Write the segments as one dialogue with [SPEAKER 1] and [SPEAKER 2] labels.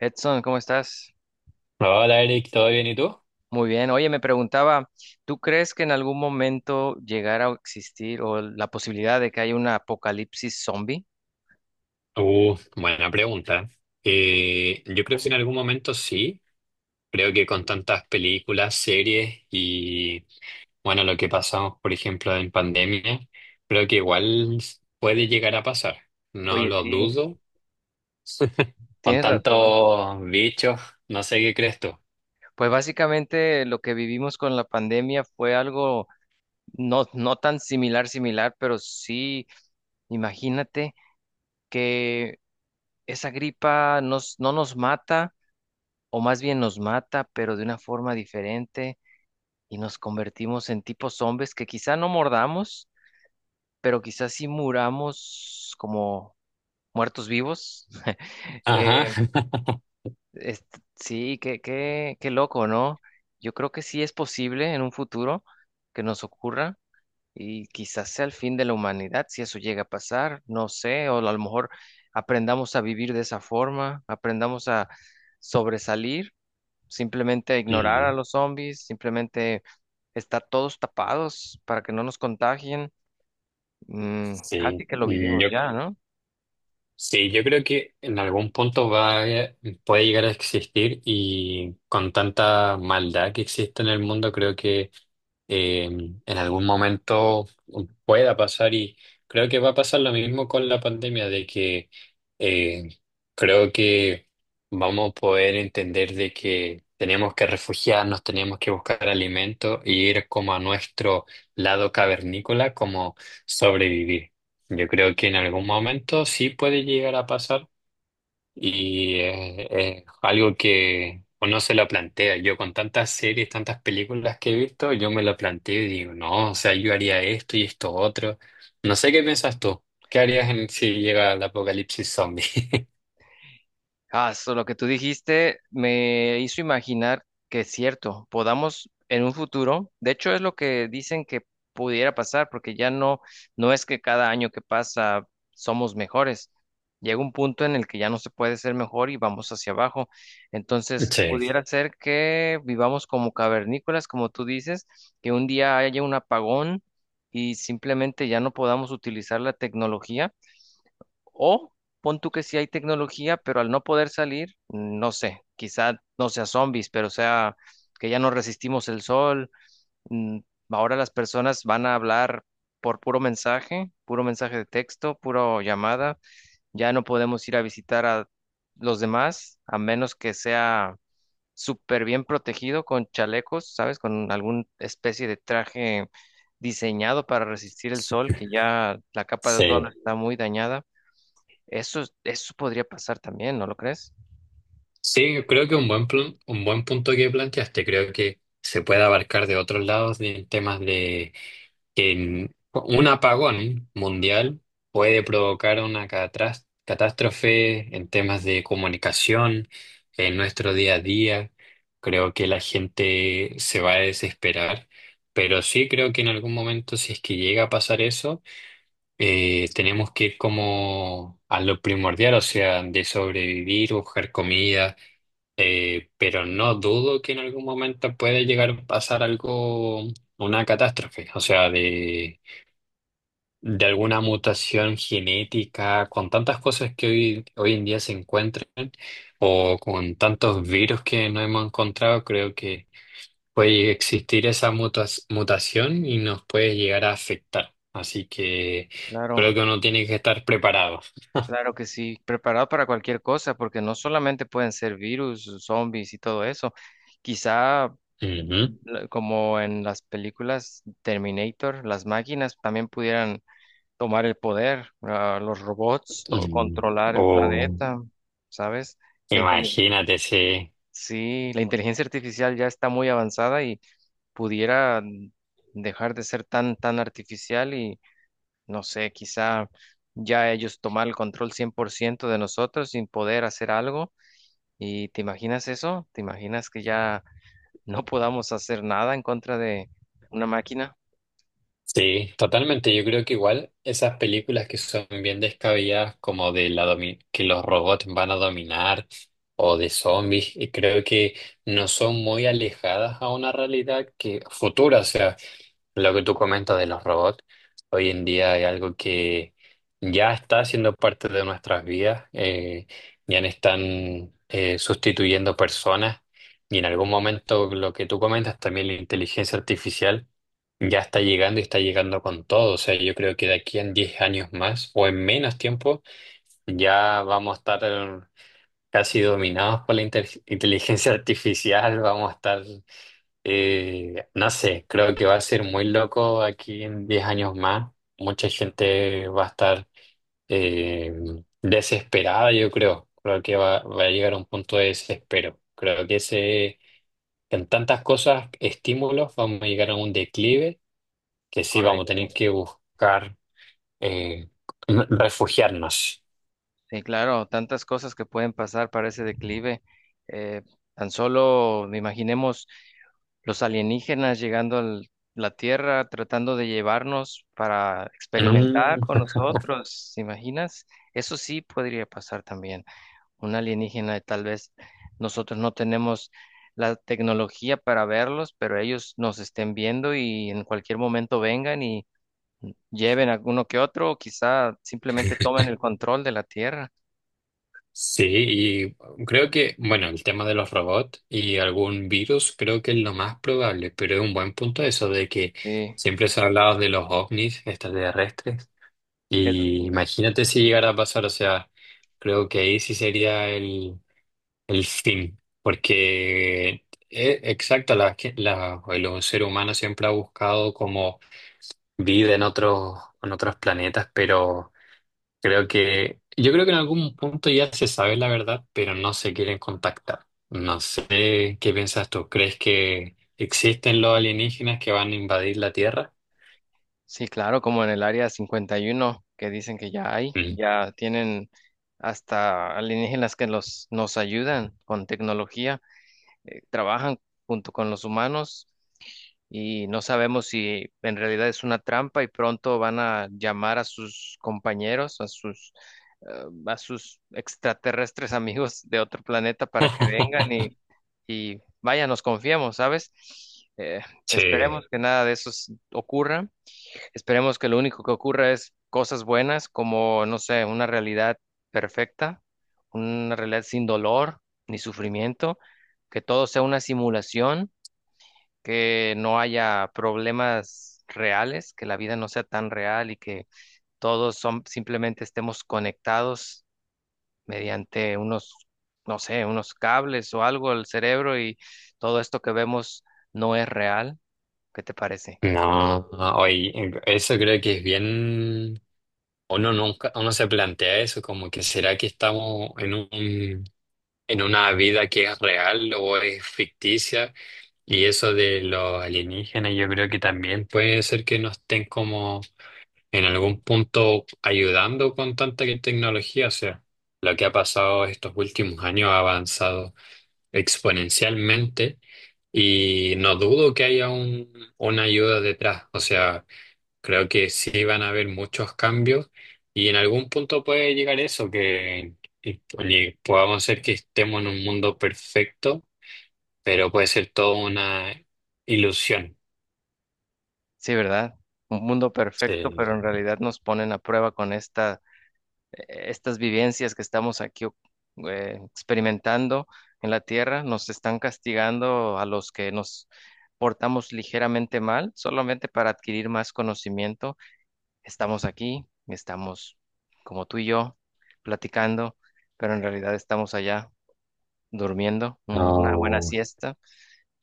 [SPEAKER 1] Edson, ¿cómo estás?
[SPEAKER 2] Hola Eric, ¿todo bien y tú?
[SPEAKER 1] Muy bien. Oye, me preguntaba, ¿tú crees que en algún momento llegara a existir o la posibilidad de que haya un apocalipsis zombie?
[SPEAKER 2] Buena pregunta. Yo creo que en algún momento sí. Creo que con tantas películas, series y bueno, lo que pasamos, por ejemplo, en pandemia, creo que igual puede llegar a pasar. No
[SPEAKER 1] Oye,
[SPEAKER 2] lo
[SPEAKER 1] sí,
[SPEAKER 2] dudo. Con
[SPEAKER 1] tienes razón.
[SPEAKER 2] tantos bichos, no sé qué crees tú.
[SPEAKER 1] Pues básicamente lo que vivimos con la pandemia fue algo no tan similar, similar, pero sí, imagínate que esa gripa no nos mata, o más bien nos mata, pero de una forma diferente, y nos convertimos en tipos zombies que quizá no mordamos, pero quizás si muramos como muertos vivos.
[SPEAKER 2] Ajá.
[SPEAKER 1] Eh, sí, qué loco, ¿no? Yo creo que sí es posible en un futuro que nos ocurra, y quizás sea el fin de la humanidad si eso llega a pasar. No sé, o a lo mejor aprendamos a vivir de esa forma, aprendamos a sobresalir, simplemente a ignorar a
[SPEAKER 2] Mm.
[SPEAKER 1] los zombies, simplemente estar todos tapados para que no nos contagien. Mm,
[SPEAKER 2] Sí.
[SPEAKER 1] casi que lo
[SPEAKER 2] Mm,
[SPEAKER 1] vivimos
[SPEAKER 2] yo.
[SPEAKER 1] ya, ¿no?
[SPEAKER 2] Sí, yo creo que en algún punto puede llegar a existir y con tanta maldad que existe en el mundo, creo que eh, en algún momento pueda pasar, y creo que va a pasar lo mismo con la pandemia, de que eh, creo que vamos a poder entender de que tenemos que refugiarnos, tenemos que buscar alimento y ir como a nuestro lado cavernícola, como sobrevivir. Yo creo que en algún momento sí puede llegar a pasar y es algo que uno se lo plantea. Yo con tantas series, tantas películas que he visto, yo me lo planteo y digo, no, o sea, yo haría esto y esto otro. No sé qué piensas tú. ¿Qué harías si llega el apocalipsis zombie?
[SPEAKER 1] Lo que tú dijiste me hizo imaginar que es cierto, podamos en un futuro. De hecho es lo que dicen que pudiera pasar, porque no es que cada año que pasa somos mejores. Llega un punto en el que ya no se puede ser mejor y vamos hacia abajo. Entonces,
[SPEAKER 2] Sí,
[SPEAKER 1] pudiera ser que vivamos como cavernícolas, como tú dices, que un día haya un apagón y simplemente ya no podamos utilizar la tecnología, o pon tú que sí hay tecnología, pero al no poder salir, no sé, quizá no sea zombies, pero sea que ya no resistimos el sol. mm, Ahora las personas van a hablar por puro mensaje de texto, puro llamada. Ya no podemos ir a visitar a los demás, a menos que sea súper bien protegido con chalecos, ¿sabes? Con alguna especie de traje diseñado para resistir el sol, que ya la capa de ozono
[SPEAKER 2] sí.
[SPEAKER 1] está muy dañada. Eso podría pasar también, ¿no lo crees?
[SPEAKER 2] Sí, creo que un buen punto que planteaste. Creo que se puede abarcar de otros lados en temas. Un apagón mundial puede provocar una catástrofe en temas de comunicación, en nuestro día a día. Creo que la gente se va a desesperar, pero sí creo que en algún momento, si es que llega a pasar eso, tenemos que ir como a lo primordial, o sea, de sobrevivir, buscar comida, pero no dudo que en algún momento puede llegar a pasar algo, una catástrofe, o sea, de alguna mutación genética, con tantas cosas que hoy en día se encuentran, o con tantos virus que no hemos encontrado. Creo que puede existir esa mutación y nos puede llegar a afectar. Así que
[SPEAKER 1] Claro,
[SPEAKER 2] creo que uno tiene que estar preparado.
[SPEAKER 1] claro que sí. Preparado para cualquier cosa, porque no solamente pueden ser virus, zombies y todo eso. Quizá,
[SPEAKER 2] Ujú.
[SPEAKER 1] como en las películas Terminator, las máquinas también pudieran tomar el poder, ah, los robots,
[SPEAKER 2] Mm.
[SPEAKER 1] controlar el
[SPEAKER 2] O
[SPEAKER 1] planeta, ¿sabes? La inteligencia.
[SPEAKER 2] imagínate, sí.
[SPEAKER 1] Sí, la inteligencia artificial ya está muy avanzada y pudiera dejar de ser tan artificial y no sé, quizá ya ellos tomar el control 100% de nosotros sin poder hacer algo. ¿Y te imaginas eso? ¿Te imaginas que ya no podamos hacer nada en contra de una máquina?
[SPEAKER 2] Sí, totalmente. Yo creo que igual esas películas que son bien descabelladas, como que los robots van a dominar o de zombies, y creo que no son muy alejadas a una realidad que futura. O sea, lo que tú comentas de los robots, hoy en día hay algo que ya está siendo parte de nuestras vidas, ya no están sustituyendo personas, y en algún momento lo que tú comentas también la inteligencia artificial ya está llegando y está llegando con todo. O sea, yo creo que de aquí en 10 años más, o en menos tiempo, ya vamos a estar casi dominados por la inteligencia artificial. Vamos a estar no sé, creo que va a ser muy loco aquí en 10 años más. Mucha gente va a estar eh, desesperada, yo creo. Creo que va a llegar a un punto de desespero. Creo que ese, en tantas cosas, estímulos, vamos a llegar a un declive que sí vamos a tener
[SPEAKER 1] Correcto.
[SPEAKER 2] que buscar eh, refugiarnos.
[SPEAKER 1] Sí, claro, tantas cosas que pueden pasar para ese declive. Eh, tan solo imaginemos los alienígenas llegando a la Tierra, tratando de llevarnos para experimentar con
[SPEAKER 2] Mm.
[SPEAKER 1] nosotros. ¿Te imaginas? Eso sí podría pasar también. Un alienígena, y tal vez nosotros no tenemos la tecnología para verlos, pero ellos nos estén viendo y en cualquier momento vengan y lleven a uno que otro, o quizá simplemente tomen el control de la Tierra.
[SPEAKER 2] Sí, y creo que, bueno, el tema de los robots y algún virus creo que es lo más probable, pero es un buen punto eso de que
[SPEAKER 1] Sí,
[SPEAKER 2] siempre se ha hablado de los ovnis extraterrestres,
[SPEAKER 1] eso sí.
[SPEAKER 2] y imagínate si llegara a pasar, o sea, creo que ahí sí sería el fin, porque exacto, el ser humano siempre ha buscado como vida en otros planetas, pero... Yo creo que en algún punto ya se sabe la verdad, pero no se quieren contactar. No sé qué piensas tú. ¿Crees que existen los alienígenas que van a invadir la Tierra?
[SPEAKER 1] Sí, claro, como en el área 51, que dicen que ya hay,
[SPEAKER 2] Mm.
[SPEAKER 1] ya tienen hasta alienígenas que los, nos ayudan con tecnología, trabajan junto con los humanos, y no sabemos si en realidad es una trampa y pronto van a llamar a sus compañeros, a sus extraterrestres amigos de otro planeta para que vengan y vaya, nos confiemos, ¿sabes? Eh,
[SPEAKER 2] Sí.
[SPEAKER 1] esperemos que nada de eso ocurra. Esperemos que lo único que ocurra es cosas buenas, como, no sé, una realidad perfecta, una realidad sin dolor ni sufrimiento, que todo sea una simulación, que no haya problemas reales, que la vida no sea tan real y que todos son, simplemente estemos conectados mediante unos, no sé, unos cables o algo al cerebro, y todo esto que vemos no es real. ¿Qué te parece?
[SPEAKER 2] No, hoy eso creo que es bien. Uno nunca, uno se plantea eso, como que será que estamos en una vida que es real o es ficticia. Y eso de los alienígenas, yo creo que también puede ser que no estén como en algún punto ayudando con tanta tecnología. O sea, lo que ha pasado estos últimos años ha avanzado exponencialmente, y no dudo que haya una ayuda detrás. O sea, creo que sí van a haber muchos cambios, y en algún punto puede llegar eso, que y podamos ser que estemos en un mundo perfecto, pero puede ser toda una ilusión.
[SPEAKER 1] Sí, ¿verdad? Un mundo
[SPEAKER 2] Sí.
[SPEAKER 1] perfecto, pero en realidad nos ponen a prueba con esta estas vivencias que estamos aquí experimentando en la tierra, nos están castigando a los que nos portamos ligeramente mal, solamente para adquirir más conocimiento. Estamos aquí, estamos como tú y yo platicando, pero en realidad estamos allá durmiendo una buena
[SPEAKER 2] No.
[SPEAKER 1] siesta,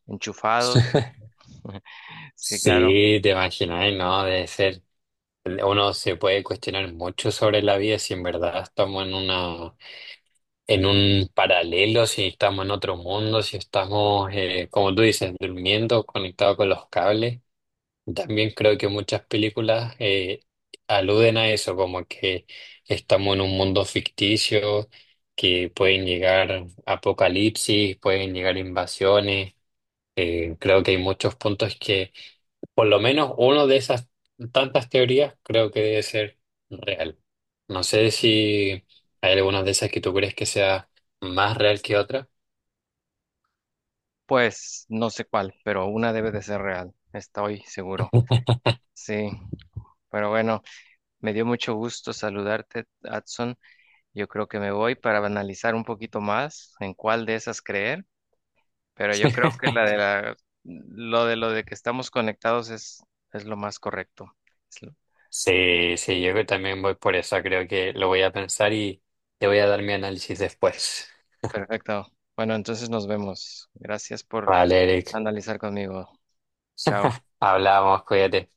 [SPEAKER 1] enchufados. Sí, claro.
[SPEAKER 2] Sí, te imaginas, ¿no? Debe ser. Uno se puede cuestionar mucho sobre la vida, si en verdad estamos en un paralelo, si estamos en otro mundo, si estamos, como tú dices, durmiendo, conectados con los cables. También creo que muchas películas aluden a eso, como que estamos en un mundo ficticio, que pueden llegar apocalipsis, pueden llegar invasiones. Creo que hay muchos puntos que por lo menos una de esas tantas teorías creo que debe ser real. No sé si hay algunas de esas que tú crees que sea más real que otra.
[SPEAKER 1] Pues no sé cuál, pero una debe de ser real. Estoy seguro. Sí, pero bueno. Me dio mucho gusto saludarte, Adson. Yo creo que me voy para analizar un poquito más en cuál de esas creer, pero yo creo que la de la, lo de que estamos conectados es lo más correcto. Es lo-
[SPEAKER 2] Sí, sí, yo que también voy por eso. Creo que lo voy a pensar y te voy a dar mi análisis después.
[SPEAKER 1] perfecto. Bueno, entonces nos vemos. Gracias por
[SPEAKER 2] Vale, Eric.
[SPEAKER 1] analizar conmigo. Chao.
[SPEAKER 2] Hablamos, cuídate.